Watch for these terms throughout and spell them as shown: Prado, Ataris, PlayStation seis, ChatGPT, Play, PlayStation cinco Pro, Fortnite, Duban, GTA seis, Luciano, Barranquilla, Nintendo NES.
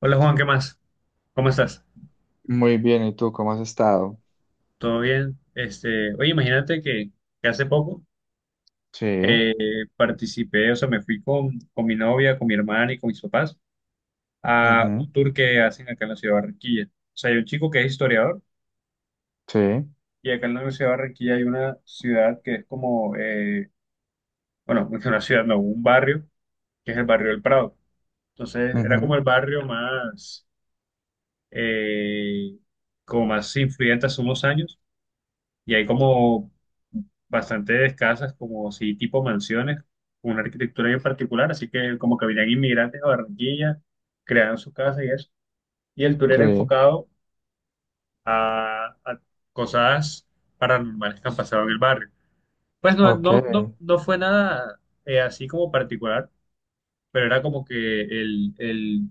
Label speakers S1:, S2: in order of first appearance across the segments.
S1: Hola Juan, ¿qué más? ¿Cómo estás?
S2: Muy bien, ¿y tú cómo has estado?
S1: ¿Todo bien? Este, oye, imagínate que hace poco
S2: Sí,
S1: eh, participé, o sea, me fui con mi novia, con mi hermana y con mis papás a un
S2: ujú,
S1: tour que hacen acá en la ciudad de Barranquilla. O sea, hay un chico que es historiador
S2: sí,
S1: y acá en la ciudad de Barranquilla hay una ciudad que es como, bueno, no es una ciudad, no, un barrio, que es el barrio del Prado. Entonces, era como
S2: ujú,
S1: el barrio más, eh, como más influyente hace unos años y hay como bastante escasas, como si tipo mansiones, con una arquitectura bien particular, así que como que venían inmigrantes a Barranquilla, crearon su casa y eso. Y el tour era
S2: sí,
S1: enfocado a cosas paranormales que han pasado en el barrio. Pues no,
S2: ok,
S1: no, no, no fue nada así como particular, pero era como que el, el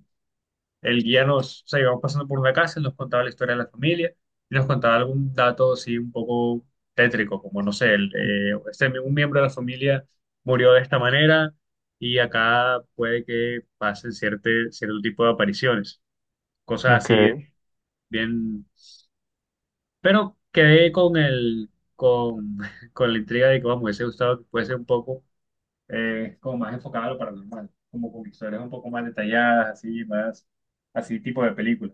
S1: el guía nos, o sea, íbamos pasando por una casa, nos contaba la historia de la familia y nos contaba algún dato así un poco tétrico, como no sé, el, un miembro de la familia murió de esta manera y acá puede que pasen cierto tipo de apariciones, cosas
S2: ok,
S1: así bien. Pero quedé con el, con, con la intriga de que, vamos, me hubiese gustado que fuese un poco como más enfocado a lo paranormal, como con historias un poco más detalladas, así, más, así tipo de película.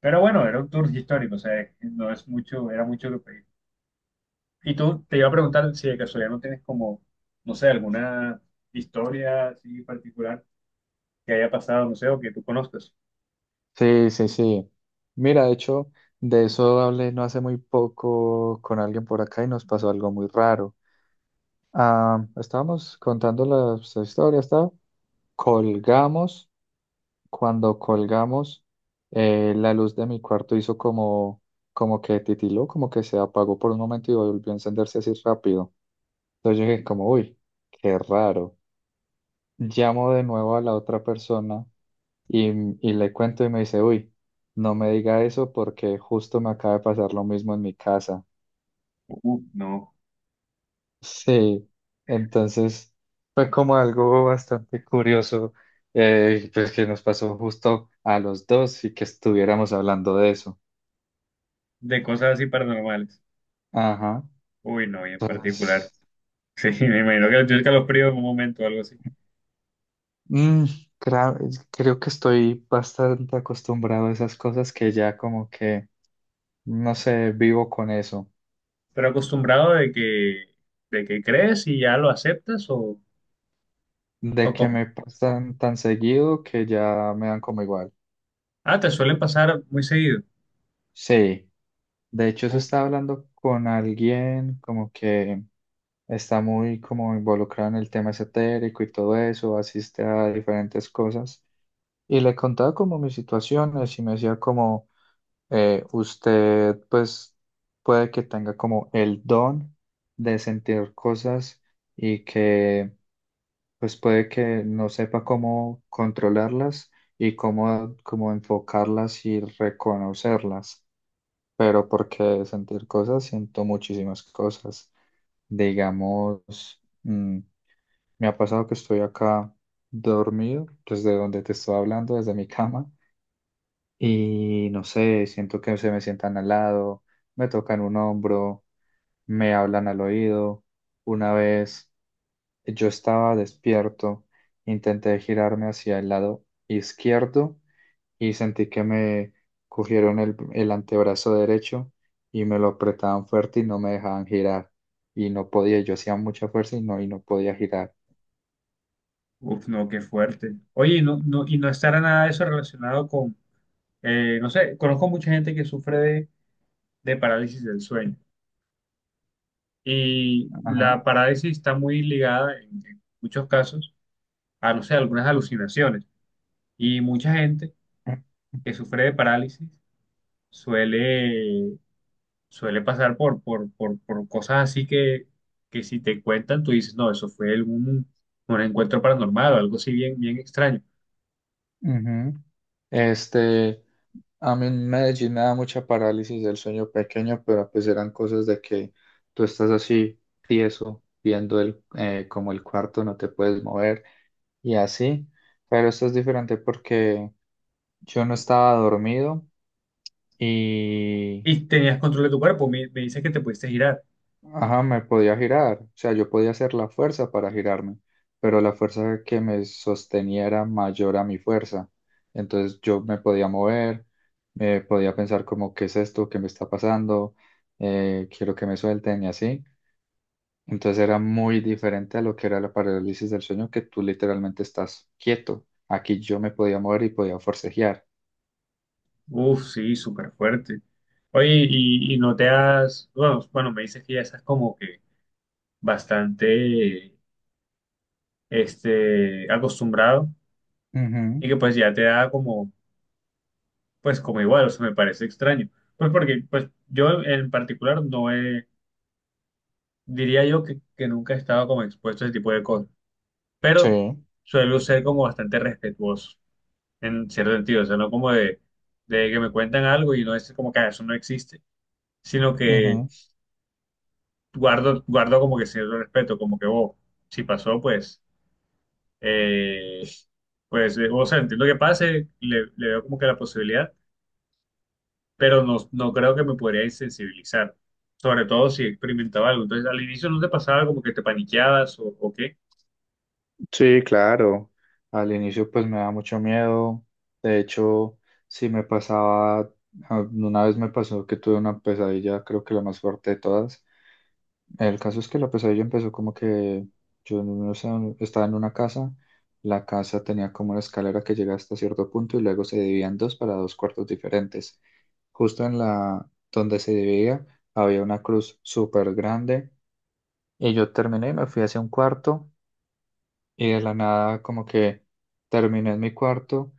S1: Pero bueno, era un tour histórico, o sea, no es mucho, era mucho lo que pedí. Y tú te iba a preguntar si de casualidad no tienes como, no sé, alguna historia así particular que haya pasado, no sé, o que tú conozcas.
S2: sí, sí, sí. Mira, de hecho, de eso hablé no hace muy poco con alguien por acá y nos pasó algo muy raro. Ah, estábamos contando las historias, ¿tá? Colgamos, cuando colgamos, la luz de mi cuarto hizo como que titiló, como que se apagó por un momento y volvió a encenderse así rápido. Entonces yo dije como, uy, qué raro. Llamo de nuevo a la otra persona y, y le cuento y me dice, uy, no me diga eso porque justo me acaba de pasar lo mismo en mi casa.
S1: Uf, no.
S2: Sí, entonces fue como algo bastante curioso, pues que nos pasó justo a los dos y que estuviéramos hablando de eso.
S1: De cosas así paranormales.
S2: Ajá,
S1: Uy, no, y en particular.
S2: entonces.
S1: Sí, me imagino que le tienes que a los fríos en un momento o algo así.
S2: Mm, cra- Creo que estoy bastante acostumbrado a esas cosas, que ya como que, no sé, vivo con eso.
S1: Pero acostumbrado de que crees y ya lo aceptas
S2: De
S1: o
S2: que
S1: cómo.
S2: me pasan tan seguido que ya me dan como igual.
S1: Ah, te suelen pasar muy seguido.
S2: Sí, de hecho eso estaba hablando con alguien como que está muy como involucrado en el tema esotérico y todo eso, asiste a diferentes cosas. Y le contaba como mis situaciones y me decía como, usted pues puede que tenga como el don de sentir cosas y que pues puede que no sepa cómo controlarlas y cómo enfocarlas y reconocerlas, pero porque de sentir cosas siento muchísimas cosas. Digamos, me ha pasado que estoy acá dormido, desde donde te estoy hablando, desde mi cama, y no sé, siento que se me sientan al lado, me tocan un hombro, me hablan al oído. Una vez, yo estaba despierto, intenté girarme hacia el lado izquierdo y sentí que me cogieron el antebrazo derecho y me lo apretaban fuerte y no me dejaban girar. Y no podía, yo hacía mucha fuerza y no podía girar.
S1: Uf, no, qué fuerte. Oye, y no, y no estará nada de eso relacionado con, no sé, conozco mucha gente que sufre de parálisis del sueño. Y
S2: Ajá.
S1: la parálisis está muy ligada, en muchos casos, a, no sé, algunas alucinaciones. Y mucha gente que sufre de parálisis suele, suele pasar por cosas así que si te cuentan, tú dices, no, eso fue algún, un encuentro paranormal o algo así bien extraño.
S2: Ujú. Este, a mí en Medellín me da mucha parálisis del sueño pequeño, pero pues eran cosas de que tú estás así tieso, viendo como el cuarto, no te puedes mover y así, pero esto es diferente porque yo no estaba dormido y,
S1: Y tenías control de tu cuerpo, me dices que te pudiste girar.
S2: ajá, me podía girar, o sea, yo podía hacer la fuerza para girarme, pero la fuerza que me sostenía era mayor a mi fuerza, entonces yo me podía mover, me podía pensar como, ¿qué es esto? ¿Qué me está pasando? Quiero que me suelten y así. Entonces era muy diferente a lo que era la parálisis del sueño, que tú literalmente estás quieto. Aquí yo me podía mover y podía forcejear.
S1: Uf, sí, súper fuerte. Oye, y no te has, bueno, me dices que ya estás como que bastante, este, acostumbrado y
S2: Ujú.
S1: que pues ya te da como, pues como igual, o sea, me parece extraño. Pues porque, pues yo en particular no he, diría yo que nunca he estado como expuesto a ese tipo de cosas,
S2: Sí,
S1: pero suelo ser como bastante respetuoso en cierto sentido, o sea, no como de que me cuentan algo y no es como que "Ah, eso no existe, sino que
S2: ujú.
S1: guardo, guardo como que cierto respeto, como que, oh, si pasó, pues, eh, o sea, entiendo que pase, le veo como que la posibilidad, pero no, no creo que me podría insensibilizar, sobre todo si experimentaba algo. Entonces, al inicio no te pasaba como que te paniqueabas o qué.
S2: Sí, claro. Al inicio pues me da mucho miedo. De hecho, sí me pasaba, ah, una vez me pasó que tuve una pesadilla, creo que la más fuerte de todas. El caso es que la pesadilla empezó como que yo no sé, estaba en una casa, la casa tenía como una escalera que llegaba hasta cierto punto y luego se dividían dos para dos cuartos diferentes. Justo en la donde se dividía había una cruz súper grande y yo terminé y me fui hacia un cuarto. Y de la nada, como que terminé en mi cuarto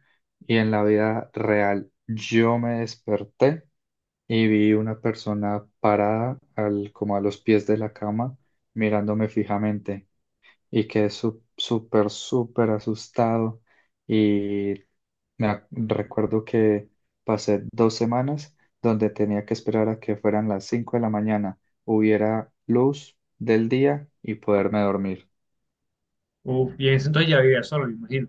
S2: y en la vida real yo me desperté y vi una persona parada como a los pies de la cama mirándome fijamente y quedé súper, súper asustado y recuerdo que pasé 2 semanas donde tenía que esperar a que fueran las 5 de la mañana, hubiera luz del día y poderme dormir.
S1: Uf, y en ese entonces ya vivía solo, me imagino.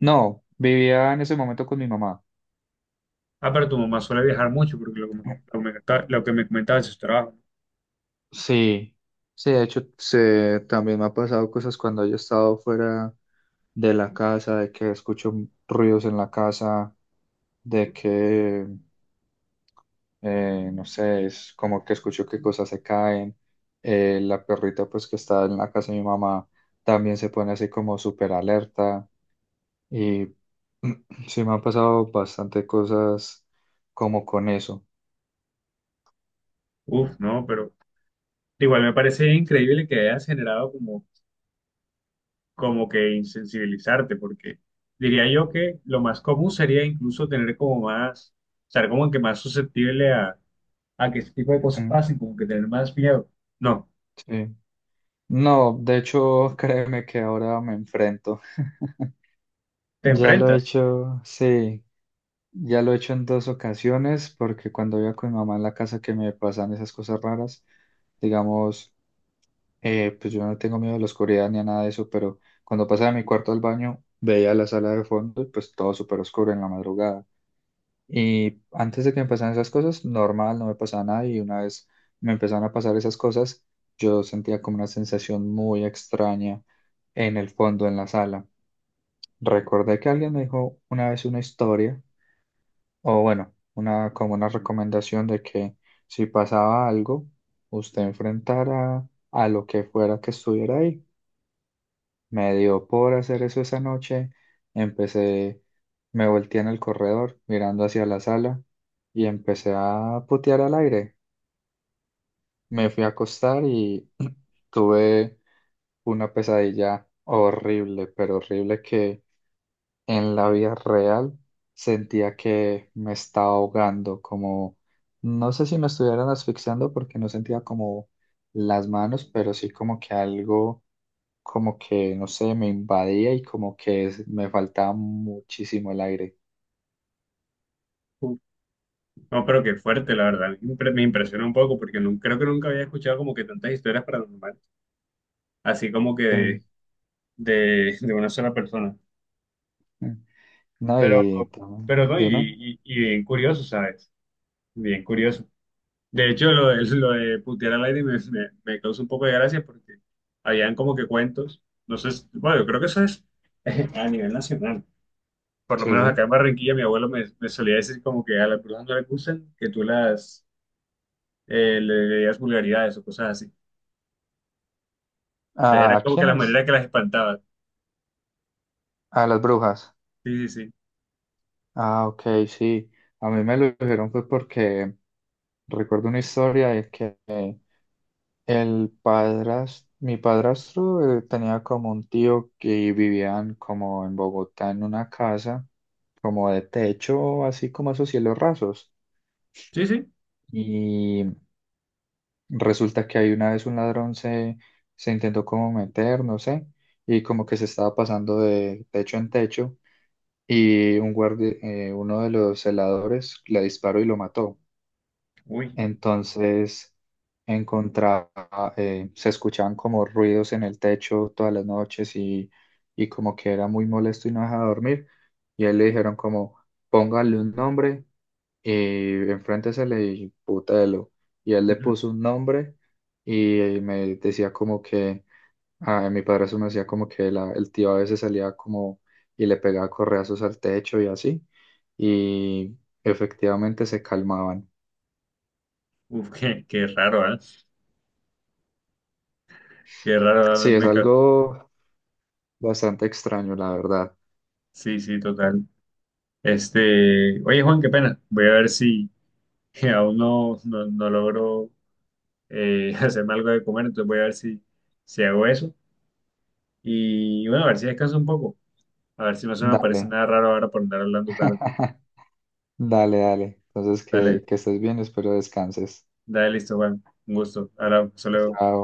S2: No, vivía en ese momento con mi mamá.
S1: Ah, pero tu mamá suele viajar mucho, porque lo que me, lo que me comentaba de sus trabajos.
S2: Sí, sí, de hecho, también me ha pasado cosas cuando yo he estado fuera de la casa, de que escucho ruidos en la casa, de que, no sé, es como que escucho que cosas se caen. La perrita, pues, que está en la casa de mi mamá, también se pone así como súper alerta. Y sí, me han pasado bastante cosas como con eso.
S1: Uf, no, pero igual me parece increíble que hayas generado como como que insensibilizarte, porque diría yo que lo más común sería incluso tener como más, estar como que más susceptible a que este tipo de cosas
S2: Ujú,
S1: pasen, como que tener más miedo. No,
S2: sí. No, de hecho, créeme que ahora me enfrento.
S1: te
S2: Ya lo he
S1: enfrentas.
S2: hecho, sí, ya lo he hecho en dos ocasiones, porque cuando iba con mi mamá en la casa que me pasan esas cosas raras, digamos, pues yo no tengo miedo a la oscuridad ni a nada de eso, pero cuando pasaba de mi cuarto al baño, veía la sala de fondo y pues todo súper oscuro en la madrugada. Y antes de que me pasaran esas cosas, normal, no me pasaba nada. Y una vez me empezaron a pasar esas cosas, yo sentía como una sensación muy extraña en el fondo, en la sala. Recordé que alguien me dijo una vez una historia, o bueno, como una recomendación de que si pasaba algo, usted enfrentara a lo que fuera que estuviera ahí. Me dio por hacer eso esa noche. Empecé, Me volteé en el corredor mirando hacia la sala y empecé a putear al aire. Me fui a acostar y tuve una pesadilla horrible, pero horrible que en la vida real sentía que me estaba ahogando, como no sé si me estuvieran asfixiando porque no sentía como las manos, pero sí como que algo como que, no sé, me invadía y como que me faltaba muchísimo el aire.
S1: Uf, no, pero qué fuerte, la verdad. Me impresiona un poco porque creo que nunca había escuchado como que tantas historias paranormales, así como que
S2: Sí,
S1: de, de una sola persona.
S2: sí. No,
S1: Pero,
S2: y
S1: pero no, y,
S2: dime,
S1: y, y bien curioso, ¿sabes? Bien curioso. De hecho, lo de putear al aire me causa un poco de gracia porque habían como que cuentos. No sé, bueno, yo creo que eso es a nivel nacional. Por lo menos acá
S2: sí.
S1: en Barranquilla, mi abuelo me, me solía decir como que a las brujas no les gustan que tú las le digas vulgaridades o cosas así. Entonces era
S2: ¿A
S1: como que la
S2: quiénes?
S1: manera que las espantaba.
S2: A las brujas.
S1: Sí, sí, sí.
S2: Ah, ok, sí. A mí me lo dijeron fue porque recuerdo una historia de que mi padrastro tenía como un tío que vivían como en Bogotá en una casa, como de techo, así como esos cielos rasos.
S1: Sí, sí.
S2: Y resulta que ahí una vez un ladrón se intentó como meter, no sé, y como que se estaba pasando de techo en techo y un guardi uno de los celadores le disparó y lo mató.
S1: Uy.
S2: Entonces encontraba, se escuchaban como ruidos en el techo todas las noches y como que era muy molesto y no dejaba dormir. Y a él le dijeron como, póngale un nombre y enfrente se le disputa Elo. Y él le puso un nombre y me decía como que, a mi padrastro me decía como que el tío a veces salía como y le pegaba correazos al techo y así. Y efectivamente se calmaban.
S1: Uf, qué raro, ¿eh? Qué raro, ¿eh?
S2: Sí, es
S1: Me, me.
S2: algo bastante extraño, la verdad.
S1: Sí, sí, total. Este, oye, Juan, qué pena. Voy a ver si que aún no logro hacerme algo de comer, entonces voy a ver si, si hago eso. Y bueno, a ver si descanso un poco, a ver si no se me
S2: Dale,
S1: aparece nada raro ahora por andar hablando tarde.
S2: dale, dale. Entonces
S1: Dale,
S2: que estés bien, espero descanses.
S1: dale, listo, Juan. Un gusto. Ahora, hasta luego.
S2: Chao.